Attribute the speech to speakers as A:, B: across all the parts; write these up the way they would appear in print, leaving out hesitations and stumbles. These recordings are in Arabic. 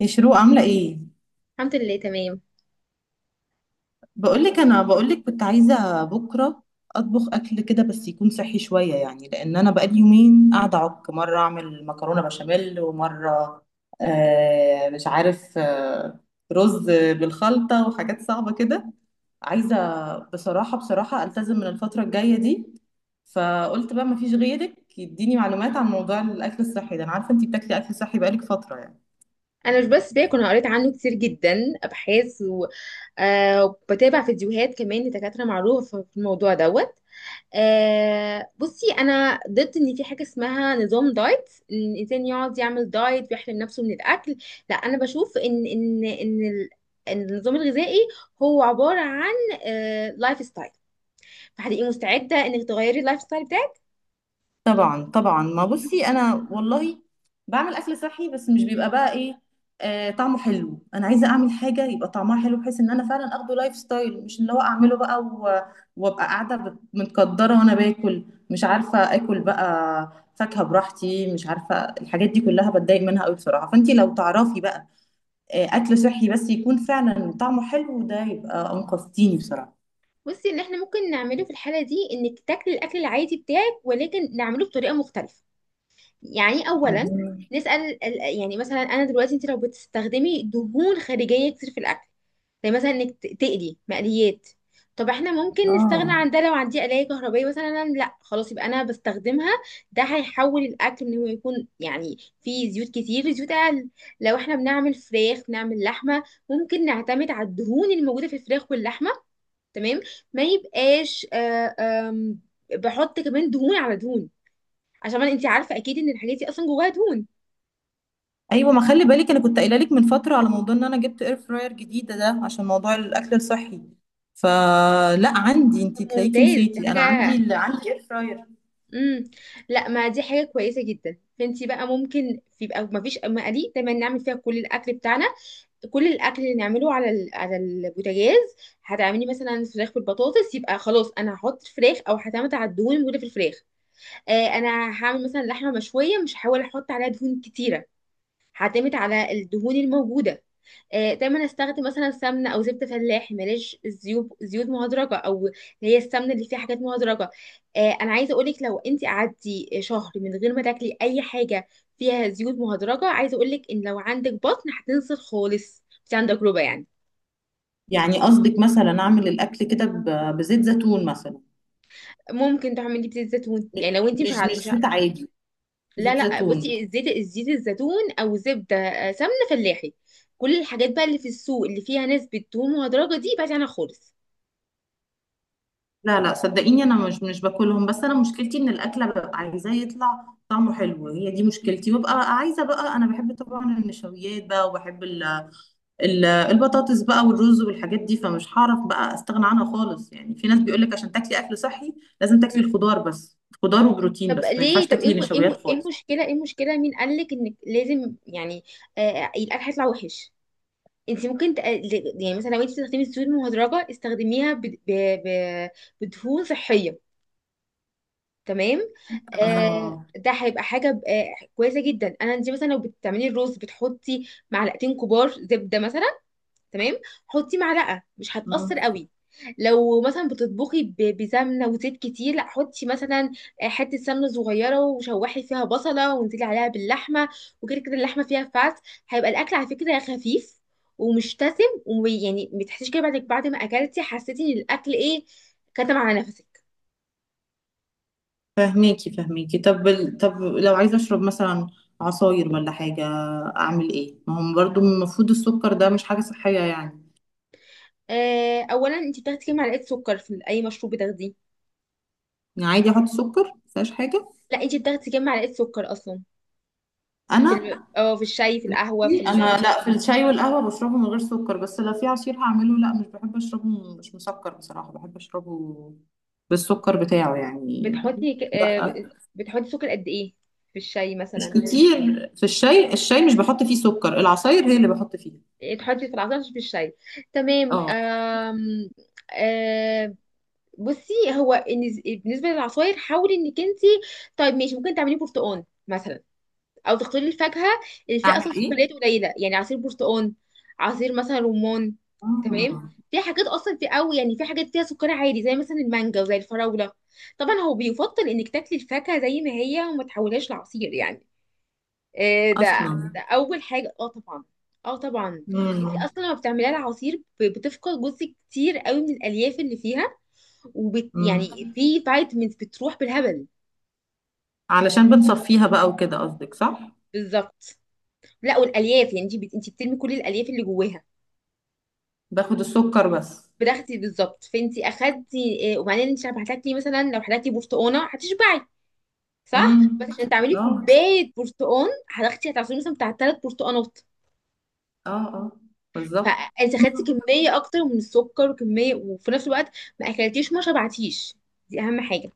A: يا شروق، عاملة ايه؟
B: الحمد لله تمام.
A: بقولك انا كنت عايزة بكرة اطبخ اكل كده، بس يكون صحي شوية يعني. لان انا بقالي يومين قاعدة اعك، مرة اعمل مكرونة بشاميل، ومرة مش عارف رز بالخلطة وحاجات صعبة كده. عايزة بصراحة، بصراحة التزم من الفترة الجاية دي. فقلت بقى مفيش غيرك يديني معلومات عن موضوع الاكل الصحي ده، انا عارفة انتي بتاكلي اكل صحي بقالك فترة يعني.
B: انا مش بس باكل، انا قريت عنه كتير جدا ابحاث وبتابع فيديوهات كمان لدكاتره معروفه في الموضوع دوت. بصي، انا ضد ان في حاجه اسمها نظام دايت، ان الانسان يقعد يعمل دايت ويحرم نفسه من الاكل. لا انا بشوف إن النظام الغذائي هو عباره عن لايف ستايل، فهتبقي مستعده انك تغيري اللايف ستايل بتاعك.
A: طبعا طبعا، ما بصي انا والله بعمل اكل صحي، بس مش بيبقى بقى ايه، طعمه حلو. انا عايزه اعمل حاجه يبقى طعمها حلو، بحيث ان انا فعلا اخده لايف ستايل، مش اللي هو اعمله بقى وابقى قاعده متقدره وانا باكل. مش عارفه اكل بقى فاكهه براحتي، مش عارفه. الحاجات دي كلها بتضايق منها قوي بصراحه. فانت لو تعرفي بقى اكل صحي بس يكون فعلا طعمه حلو، ده يبقى انقذتيني بصراحه.
B: بصي، ان احنا ممكن نعمله في الحاله دي انك تاكلي الاكل العادي بتاعك ولكن نعمله بطريقه مختلفه. يعني اولا
A: مهم.
B: نسال يعني مثلا انا دلوقتي انت لو بتستخدمي دهون خارجيه كتير في الاكل، زي مثلا انك تقلي مقليات، طب احنا ممكن نستغنى
A: اه
B: عن ده. لو عندي قلايه كهربائيه مثلا، لا خلاص يبقى انا بستخدمها. ده هيحول الاكل ان هو يكون يعني فيه زيوت كتير لزيوت اقل. لو احنا بنعمل فراخ، بنعمل لحمه، ممكن نعتمد على الدهون الموجوده في الفراخ واللحمه. تمام. ما يبقاش آه، آم، بحط كمان دهون على دهون، عشان انت عارفه اكيد ان الحاجات دي اصلا جواها دهون.
A: ايوه، ما خلي بالك انا كنت قايله لك من فتره على موضوع ان انا جبت اير فراير جديده ده عشان موضوع الاكل الصحي. فلا عندي، انت تلاقيكي
B: ممتاز، دي
A: نسيتي، انا عندي
B: حاجه.
A: اللي عندي اير فراير.
B: امم لا، ما دي حاجه كويسه جدا. فانت بقى ممكن يبقى ما فيش مقادير، دايما نعمل فيها كل الاكل بتاعنا، كل الاكل اللي نعمله على البوتاجاز. هتعملي مثلا فراخ بالبطاطس، يبقى خلاص انا هحط فراخ او هعتمد على الدهون الموجوده في الفراخ. انا هعمل مثلا لحمه مشويه، مش هحاول احط عليها دهون كتيره، هعتمد على الدهون الموجوده. دايما استخدم مثلا سمنه او زبده فلاحي، ماليش زيوت، زيوت مهدرجه، او اللي هي السمنه اللي فيها حاجات مهدرجه. انا عايزه اقولك لو انت قعدتي شهر من غير ما تاكلي اي حاجه فيها زيوت مهدرجه، عايزه اقولك ان لو عندك بطن هتنزل خالص، بس عندك تجربه يعني.
A: يعني قصدك مثلا اعمل الاكل كده بزيت زيتون مثلا؟
B: ممكن تعملي بزيت زيتون،
A: م-
B: يعني لو انت مش
A: مش
B: ع...
A: مش
B: مش ع...
A: زيت عادي،
B: لا
A: زيت
B: لا،
A: زيتون.
B: بصي، زيت، زيت الزيتون او زبده، سمنه فلاحي. كل الحاجات بقى اللي في السوق اللي فيها نسبه دهون مهدرجه دي، بعدي عنها خالص.
A: لا لا صدقيني، انا مش باكلهم. بس انا مشكلتي ان الاكله ببقى عايزاه يطلع طعمه حلو، هي دي مشكلتي. وببقى عايزه بقى، انا بحب طبعا النشويات بقى، وبحب ال البطاطس بقى والرز والحاجات دي، فمش هعرف بقى استغنى عنها خالص يعني. في ناس بيقولك عشان تاكلي اكل صحي لازم تاكلي الخضار بس، خضار وبروتين
B: طب
A: بس، ما ينفعش
B: ليه؟ طب
A: تاكلي نشويات
B: ايه
A: خالص.
B: المشكله؟ ايه المشكله؟ مين قالك انك لازم يعني القلق هيطلع وحش؟ انت ممكن يعني مثلا لو انت بتستخدمي الزيوت المهدرجه، استخدميها ب... ب... بدهون صحيه، تمام؟
A: اه.
B: ده هيبقى حاجه كويسه جدا. انا انت مثلا لو بتعملي الرز بتحطي معلقتين كبار زبده مثلا، تمام؟ حطي معلقه، مش هتأثر
A: مم.
B: قوي. لو مثلا بتطبخي بسمنه وزيت كتير، لا حطي مثلا حته سمنه صغيره، وشوحي فيها بصله، وانزلي عليها باللحمه، وكده كده اللحمه فيها فات. هيبقى الاكل على فكره خفيف ومش دسم، ويعني ما تحسيش كده بعد ما اكلتي حسيتي ان الاكل ايه، كتم على نفسك.
A: فهميكي فهميكي. طب طب لو عايزه اشرب مثلا عصاير ولا حاجه، اعمل ايه؟ ما هم برضو المفروض السكر ده مش حاجه صحيه يعني.
B: اولا، انت بتاخدي كام معلقه سكر في اي مشروب بتاخديه؟
A: يعني عادي احط سكر مفيهاش حاجه؟
B: لا، انت بتاخدي كام معلقه سكر اصلا في
A: انا
B: ال... اه في الشاي، في القهوه، في
A: انا لا، في الشاي والقهوه بشربه من غير سكر، بس لو في عصير هعمله لا، مش بحب اشربه مش مسكر بصراحه، بحب اشربه بالسكر بتاعه يعني.
B: بتحطي ك-
A: لا
B: آه، بتحطي سكر قد ايه في الشاي
A: مش
B: مثلا؟
A: كتير، في الشاي، الشاي مش بحط فيه سكر، العصاير هي اللي بحط فيها.
B: إيه، تحطي في العصير مش في الشاي، تمام.
A: اه.
B: آم، آه، بصي، هو بالنسبه للعصاير، حاولي انك انت، طيب ماشي، ممكن تعملي برتقال مثلا، او تختاري الفاكهه اللي فيها
A: اعمل
B: اصلا
A: ايه؟
B: شوكولاته قليله، يعني عصير برتقال، عصير مثلا رمان، تمام؟
A: آه.
B: في حاجات اصلا في قوي، يعني في حاجات فيها سكر عالي، زي مثلا المانجا وزي الفراوله. طبعا هو بيفضل انك تاكلي الفاكهه زي ما هي وما تحولهاش لعصير يعني. إيه ده،
A: اصلا.
B: ده اول حاجه، اه طبعا، اه طبعا. انت
A: مم.
B: اصلا لما بتعمليها العصير بتفقد جزء كتير قوي من الالياف اللي فيها، وبت يعني
A: مم.
B: في فيتامينز بتروح بالهبل.
A: علشان بنصفيها بقى وكده قصدك، صح؟
B: بالظبط. لا، والالياف يعني انت انت بترمي كل الالياف اللي جواها،
A: باخد السكر بس.
B: بتاخدي بالظبط. فانت اخدتي إيه؟ وبعدين انت لما هتاكلي مثلا، لو هتاكلي برتقانه هتشبعي، صح؟
A: امم.
B: بس عشان تعملي
A: اه.
B: كوبايه برتقان هتاخدي، هتعصري مثلا بتاع ثلاث برتقانات.
A: اه. اه بالظبط.
B: فانت خدتي كميه اكتر من السكر وكميه، وفي نفس الوقت ما اكلتيش، ما شبعتيش. دي اهم حاجه.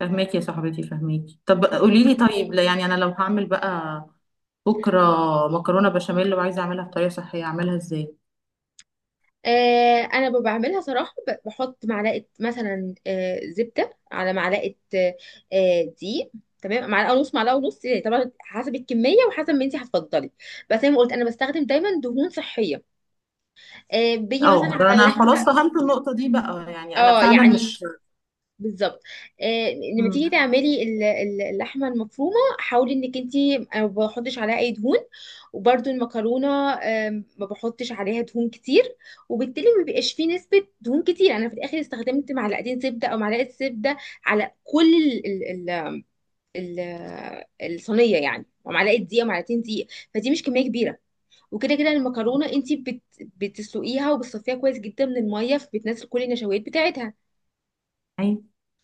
A: فهماكي يا صاحبتي، فهماكي. طب قولي لي، طيب لا يعني، انا لو هعمل بقى بكرة مكرونة بشاميل، لو عايزة أعملها بطريقة صحية، أعملها إزاي؟
B: انا بعملها صراحه، بحط معلقه مثلا زبده على معلقه دقيق، تمام. معلقه ونص، معلقه ونص يعني، طبعا حسب الكميه وحسب ما انت هتفضلي، بس زي ما قلت انا بستخدم دايما دهون صحيه. بيجي مثلا
A: أه
B: على
A: أنا بصي
B: اللحمه،
A: خلاص، فهمت النقطة دي بقى، يعني أنا
B: اه
A: فعلا
B: يعني
A: مش.
B: بالظبط. آه، لما
A: مم.
B: تيجي تعملي اللحمه المفرومه، حاولي انك انت ما بحطش عليها اي دهون. وبرده المكرونه، ما بحطش عليها دهون كتير، وبالتالي ما بيبقاش فيه نسبه دهون كتير. يعني انا في الاخر استخدمت معلقتين زبده او معلقه زبده على كل ال ال ال الصينيه يعني، ومعلقه دقيق ومعلقتين دقيق، فدي مش كميه كبيره. وكده كده المكرونه انت بتسلقيها وبتصفيها كويس جدا من الميه، فبتنزل كل النشويات بتاعتها.
A: أيوة.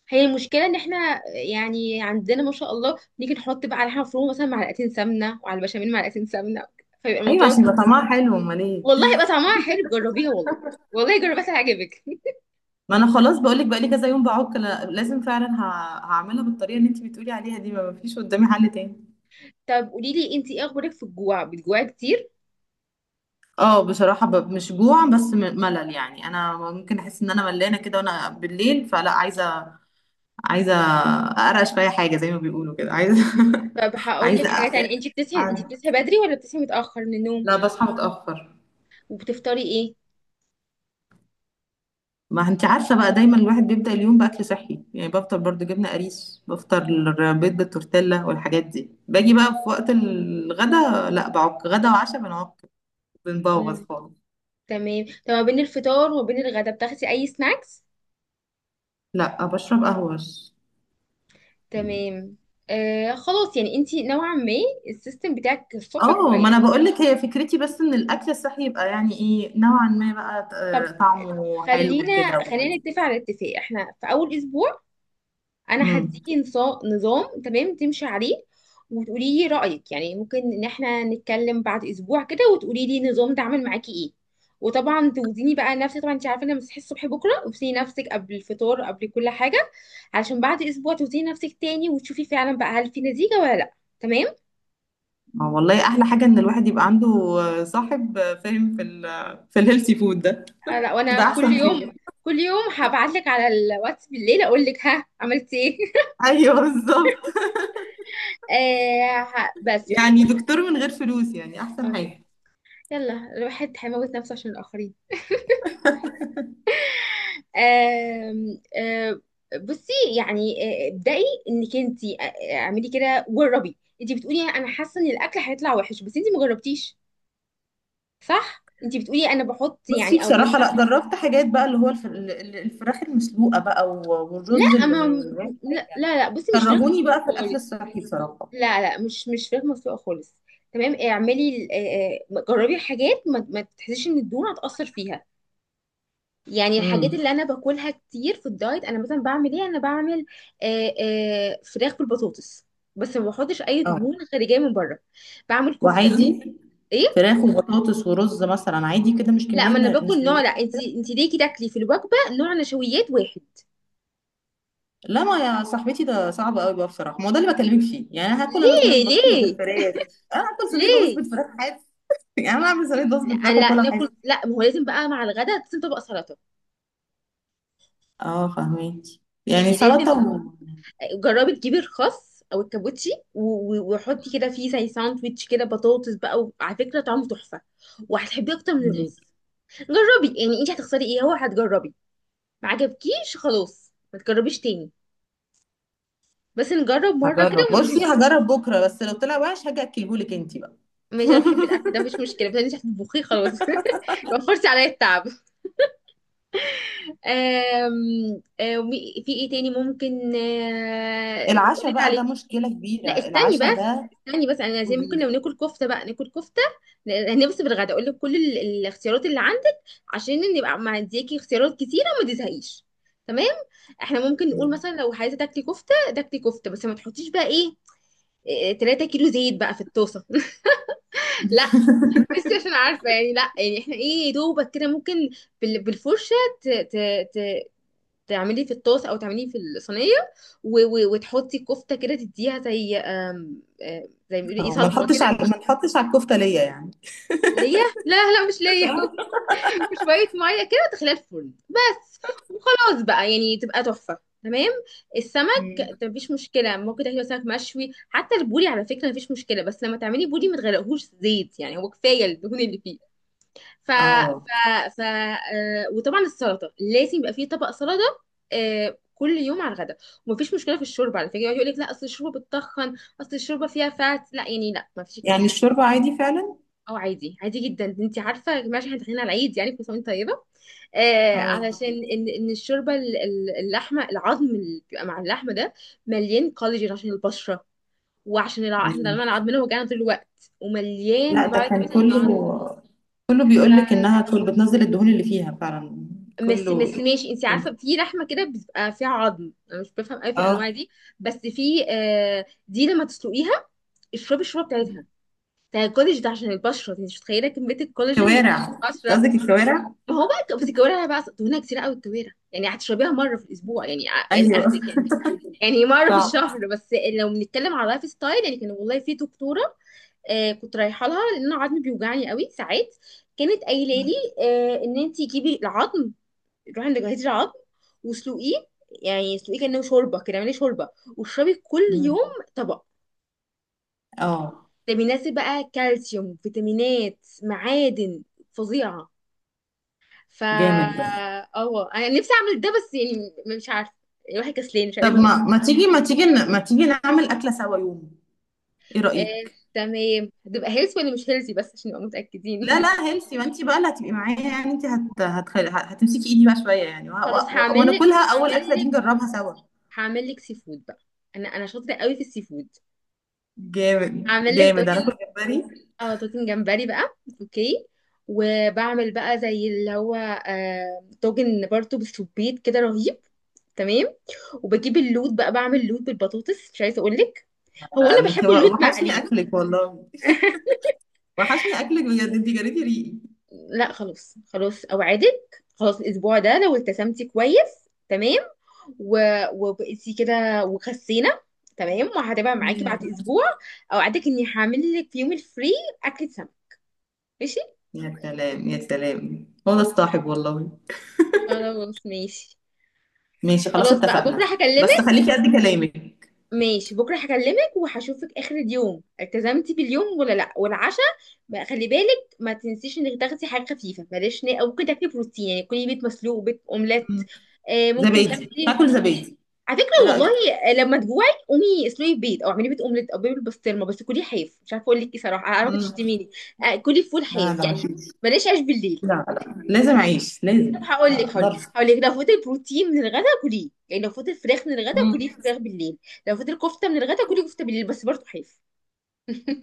B: هي المشكله ان احنا يعني عندنا ما شاء الله نيجي نحط بقى على حاجه مفرومه مثلا معلقتين سمنه، وعلى البشاميل معلقتين سمنه، فيبقى
A: أيوة
B: الموضوع.
A: عشان يبقى طعمها حلو، أمال إيه؟
B: والله يبقى طعمها حلو، جربيها والله. والله جربيها هتعجبك.
A: ما أنا خلاص بقولك بقالي كذا يوم بعك، لازم فعلا هعملها بالطريقة اللي أنت بتقولي عليها دي، ما فيش قدامي حل تاني.
B: طب قولي لي انت، ايه اخبارك في الجوع؟ بتجوعي كتير؟
A: اه بصراحة، مش جوع، بس ملل يعني. أنا ممكن أحس إن أنا ملانة كده، وأنا بالليل فلا عايزة، عايزة أقرقش في أي حاجة زي ما بيقولوا كده، عايزة
B: طب هقول لك
A: عايزة
B: حاجه تانية، انت بتصحي، انت بتصحي بدري ولا بتصحي متاخر من النوم؟
A: لا بصحى متأخر.
B: وبتفطري ايه؟
A: ما انت عارفه بقى، دايما الواحد بيبدا اليوم باكل صحي يعني، بفطر برضو جبنه قريش، بفطر بيض بالتورتيلا والحاجات دي. باجي بقى في وقت الغدا لا، بعك غدا وعشاء بنعك، بنبوظ
B: مم.
A: خالص.
B: تمام، طب ما بين الفطار وما بين الغدا بتاخدي اي سناكس؟
A: لا بشرب قهوه بس.
B: تمام. خلاص، يعني انت نوعا ما السيستم بتاعك الصبح
A: اه ما
B: كويس.
A: انا بقول لك، هي فكرتي بس ان الاكل الصحي يبقى يعني ايه، نوعا ما بقى،
B: طب
A: طعمه حلو كده.
B: خلينا نتفق على اتفاق، احنا في اول اسبوع انا
A: امم.
B: هديكي نظام تمام تمشي عليه، وتقولي لي رايك، يعني ممكن ان احنا نتكلم بعد اسبوع كده وتقولي لي النظام ده عامل معاكي ايه. وطبعا توزني بقى نفسك، طبعا انت عارفه ان أنا بصحي الصبح بكره، وتوزني نفسك قبل الفطار قبل كل حاجه، علشان بعد اسبوع توزني نفسك تاني وتشوفي فعلا بقى هل في نتيجه ولا لا، تمام؟
A: والله احلى حاجه ان الواحد يبقى عنده صاحب فاهم في ال في الهيلثي فود ده،
B: لا،
A: ده
B: وانا كل
A: احسن
B: يوم،
A: حاجه.
B: كل يوم هبعت لك على الواتس بالليل اقول لك ها، عملتي ايه؟
A: ايوه بالظبط،
B: بس
A: يعني دكتور من غير فلوس يعني،
B: اه
A: احسن
B: شوف،
A: حاجة.
B: يلا الواحد هيموت نفسه عشان الآخرين. آم، آم، بصي يعني، ابدأي انك انت، اعملي كده، جربي. انت بتقولي انا حاسة ان الاكل هيطلع وحش بس انت ما جربتيش، صح؟ انت بتقولي انا بحط
A: بصي
B: يعني او
A: بصراحة لا،
B: بستخدم،
A: جربت حاجات بقى، اللي هو الفراخ المسلوقة بقى والرز
B: لا
A: اللي
B: ما
A: من غير
B: لا
A: حاجة،
B: بصي مش فراخ
A: كرهوني
B: مسلوقة
A: بقى في الأكل
B: خالص،
A: الصحي بصراحة.
B: لا لا، مش مش فراخ مسلوقة خالص. تمام، اعملي جربي حاجات ما ما تحسيش ان الدهون هتأثر فيها. يعني الحاجات
A: امم.
B: اللي انا باكلها كتير في الدايت، انا مثلا بعمل ايه، انا بعمل آه، فراخ بالبطاطس، بس ما بحطش اي
A: اه.
B: دهون خارجيه من بره. بعمل كفته.
A: وعادي
B: ايه،
A: فراخ وبطاطس ورز مثلا عادي كده، مش
B: لا
A: كمية
B: ما انا
A: مش
B: باكل
A: كمية
B: نوع، لا انت،
A: كده؟
B: انت ليه كده تاكلي في الوجبه نوع نشويات واحد؟
A: لا ما يا صاحبتي، ده صعب قوي بقى بصراحة، ما هو ده اللي بكلمك فيه. يعني أنا هاكل، أنا صينية
B: ليه؟
A: بطاطس بالفراخ،
B: ليه؟
A: أنا هاكل صينية بطاطس
B: ليه؟
A: بالفراخ حاف؟ يعني أنا هعمل صينية بطاطس
B: لا،
A: بالفراخ
B: لا
A: وأكلها
B: ناكل،
A: حاف.
B: لا ما هو لازم بقى مع الغداء لازم طبق سلطه،
A: اه فهميكي، يعني
B: يعني لازم
A: سلطة.
B: طبق. جربي تجيبي الخس او الكابوتشي وحطي كده فيه زي ساندويتش كده بطاطس بقى، وعلى فكره طعمه تحفه، وهتحبيه اكتر من
A: و...
B: الرز. جربي، يعني انت هتخسري ايه؟ هو هتجربي، ما عجبكيش خلاص ما تجربيش تاني، بس نجرب مره كده
A: هجرب، بصي
B: ونشوف.
A: هجرب بكره، بس لو طلع وحش هاجي اكلهولك انت بقى.
B: ماشي، انا بحب الاكل ده مفيش مشكله، بس انت هتطبخيه خلاص. وفرتي عليا التعب. آم... آم... في ايه تاني ممكن اقول
A: العشاء
B: لك
A: بقى ده
B: عليه؟
A: مشكله كبيره،
B: لا استني
A: العشاء
B: بس،
A: ده.
B: استني بس، انا زي ممكن
A: قولي.
B: لو ناكل كفته بقى ناكل كفته. هنفصل بالغدا، اقول لك كل الاختيارات اللي عندك، عشان نبقى ما اديكي اختيارات كتيره وما تزهقيش، تمام. احنا ممكن نقول
A: مم.
B: مثلا لو عايزه تاكلي كفته، تاكلي كفته، بس ما تحطيش بقى ايه، إيه، 3 كيلو زيت بقى في الطاسه. لا، بس عشان عارفه يعني، لا يعني احنا ايه، يا دوبك كده ممكن بالفرشه ت... ت... ت... تعمليه في الطاسه او تعمليه في الصينيه، وتحطي الكفته كده، تديها زي آم، آم، زي ما بيقولوا ايه،
A: اه ما
B: صدمه.
A: نحطش، على الكفته ليا يعني
B: ليا؟ لا لا، مش ليا.
A: اه.
B: وشوية مية كده، تخليها الفرن بس، وخلاص بقى يعني تبقى تحفة، تمام.
A: مم.
B: السمك مفيش مشكلة، ممكن تاكلي سمك مشوي، حتى البوري على فكرة مفيش مشكلة، بس لما تعملي بوري ما تغرقهوش زيت، يعني هو كفاية الدهون اللي فيه. ف
A: اه.
B: ف ف آه، وطبعا السلطة لازم يبقى فيه طبق سلطة، آه كل يوم على الغدا. ومفيش مشكلة في الشوربة على فكرة، يقعد يقول لك لا اصل الشوربة بتتخن، اصل الشوربة فيها فات، لا يعني لا مفيش الكلام
A: يعني
B: ده.
A: الشوربه عادي فعلا؟
B: اه عادي، عادي جدا. انت عارفه يا جماعه احنا داخلين على العيد، يعني كل سنه وانت طيبه، آه
A: اه.
B: علشان ان ان الشوربه اللحمه، العظم اللي بيبقى مع اللحمه ده مليان كولاجين عشان البشره، وعشان احنا
A: مم.
B: دايما عظمنا وجعنا طول الوقت، ومليان
A: لا ده كان
B: فيتامينز عشان العظم.
A: كله، كله بيقول لك انها كل بتنزل الدهون اللي فيها فعلا،
B: بس
A: كله.
B: بس ماشي، انت عارفه في لحمه كده بتبقى فيها عظم، انا مش بفهم قوي في
A: اه.
B: الانواع دي، بس في آه دي لما تسلقيها اشربي الشوربه بتاعتها، بتاع الكولاج ده عشان البشره، انت مش متخيله كميه الكولاجين بتاعت
A: كوارع؟ أنت
B: البشره.
A: قصدك الكوارع.
B: ما هو بقى بس الكوارع أنا بقى دهونها كتير قوي، الكوارع يعني هتشربيها مره في الاسبوع، يعني يعني
A: ايوه.
B: اخرك يعني، يعني مره في
A: صعب.
B: الشهر بس. لو بنتكلم على لايف ستايل يعني، كان والله في دكتوره آه كنت رايحه لها لان انا عظمي بيوجعني قوي ساعات، كانت قايله لي آه ان انت جيبي العظم، روحي عند جهاز العظم واسلقيه، يعني اسلقيه كانه شوربه كده، اعملي شوربه واشربي كل يوم
A: مم.
B: طبق،
A: اه.
B: ده بيناسب بقى كالسيوم فيتامينات معادن فظيعه. فا
A: جامد ده.
B: اه انا نفسي اعمل ده بس يعني مش عارفه، يعني الواحد كسلان مش
A: طب
B: عارف ليه.
A: ما، ما تيجي نعمل أكلة سوا يوم، ايه
B: آه،
A: رأيك؟
B: تمام، هتبقى هيلثي ولا مش هيلثي، بس عشان نبقى متاكدين.
A: لا لا هيلثي، ما انت بقى اللي هتبقي معايا يعني. انت هتمسكي ايدي بقى شوية يعني،
B: خلاص هعمل لك،
A: وناكلها اول
B: هعمل
A: أكلة دي
B: لك،
A: نجربها سوا.
B: هعمل لك سي فود بقى، انا انا شاطره قوي في السي فود.
A: جامد
B: هعمل لك
A: جامد. انا كنت
B: طاجن،
A: جمبري.
B: اه طاجن جمبري بقى، اوكي. وبعمل بقى زي اللي هو طاجن برضه بالسبيط كده رهيب، تمام. وبجيب اللوت بقى، بعمل لوت بالبطاطس، مش عايزه اقول لك، هو انا
A: انت
B: بحب اللوت
A: وحشني
B: مقلي.
A: اكلك والله، وحشني اكلك بجد، انت جريتي ريقي.
B: لا خلاص، خلاص اوعدك، خلاص الاسبوع ده لو التزمتي كويس تمام، و... وبقيتي كده وخسينا، تمام، وهتبقى معاكي
A: مم.
B: بعد اسبوع، اوعدك اني هعمل لك في يوم الفري اكلة سمك، ماشي؟
A: يا سلام يا سلام، هو ده الصاحب والله.
B: خلاص ماشي،
A: ماشي خلاص
B: خلاص بقى
A: اتفقنا،
B: بكره
A: بس
B: هكلمك.
A: خليكي قد كلامك.
B: ماشي بكره هكلمك وهشوفك اخر اليوم التزمتي باليوم ولا لا، والعشاء بقى خلي بالك ما تنسيش انك تاخدي حاجه خفيفه، بلاش او ممكن تاكلي بروتين، يعني كلي بيض مسلوق، بيض اومليت،
A: مم.
B: ممكن
A: زبادي،
B: تاخدي
A: هاكل زبادي،
B: على
A: ايه
B: فكره والله،
A: رأيك؟
B: لما تجوعي قومي اسلقي بيض، او اعملي بيض اومليت، او بيض بالبسطرمه، بس كلي حاف. مش عارفه اقول لك ايه صراحه، انا عارفه
A: مم.
B: تشتميني، كلي فول
A: لا
B: حاف
A: ده،
B: يعني، بلاش عيش بالليل.
A: لا لا لازم اعيش،
B: طب
A: لازم
B: هقول لك، هقول لك،
A: اقدرش.
B: هقول لك لو فوت البروتين من الغدا كليه، يعني لو فوت الفراخ من الغدا
A: مم.
B: كلي فراخ بالليل، لو فوت الكفته من الغدا كلي كفته بالليل، بس برضه حاف.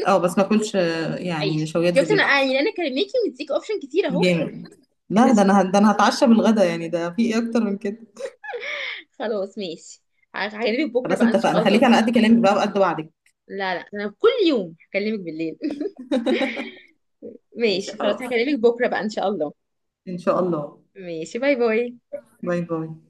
A: اه بس ما اكلش
B: عيش،
A: يعني نشويات
B: شفت؟ انا
A: بالليل احسن.
B: يعني انا كلميكي مديك اوبشن كتير اهو.
A: جامد. لا ده
B: ماشي،
A: انا، ده انا هتعشى بالغدا يعني، ده في ايه اكتر من كده؟
B: خلاص ماشي، هكلمك بكره
A: خلاص
B: بقى ان
A: اتفقنا،
B: شاء الله.
A: خليك على قد كلامك بقى وقد وعدك.
B: لا لا انا كل يوم هكلمك بالليل.
A: ماشي
B: ماشي خلاص،
A: خلاص،
B: هكلمك بكره بقى ان شاء الله.
A: ان شاء الله.
B: ماشي، باي باي.
A: باي باي.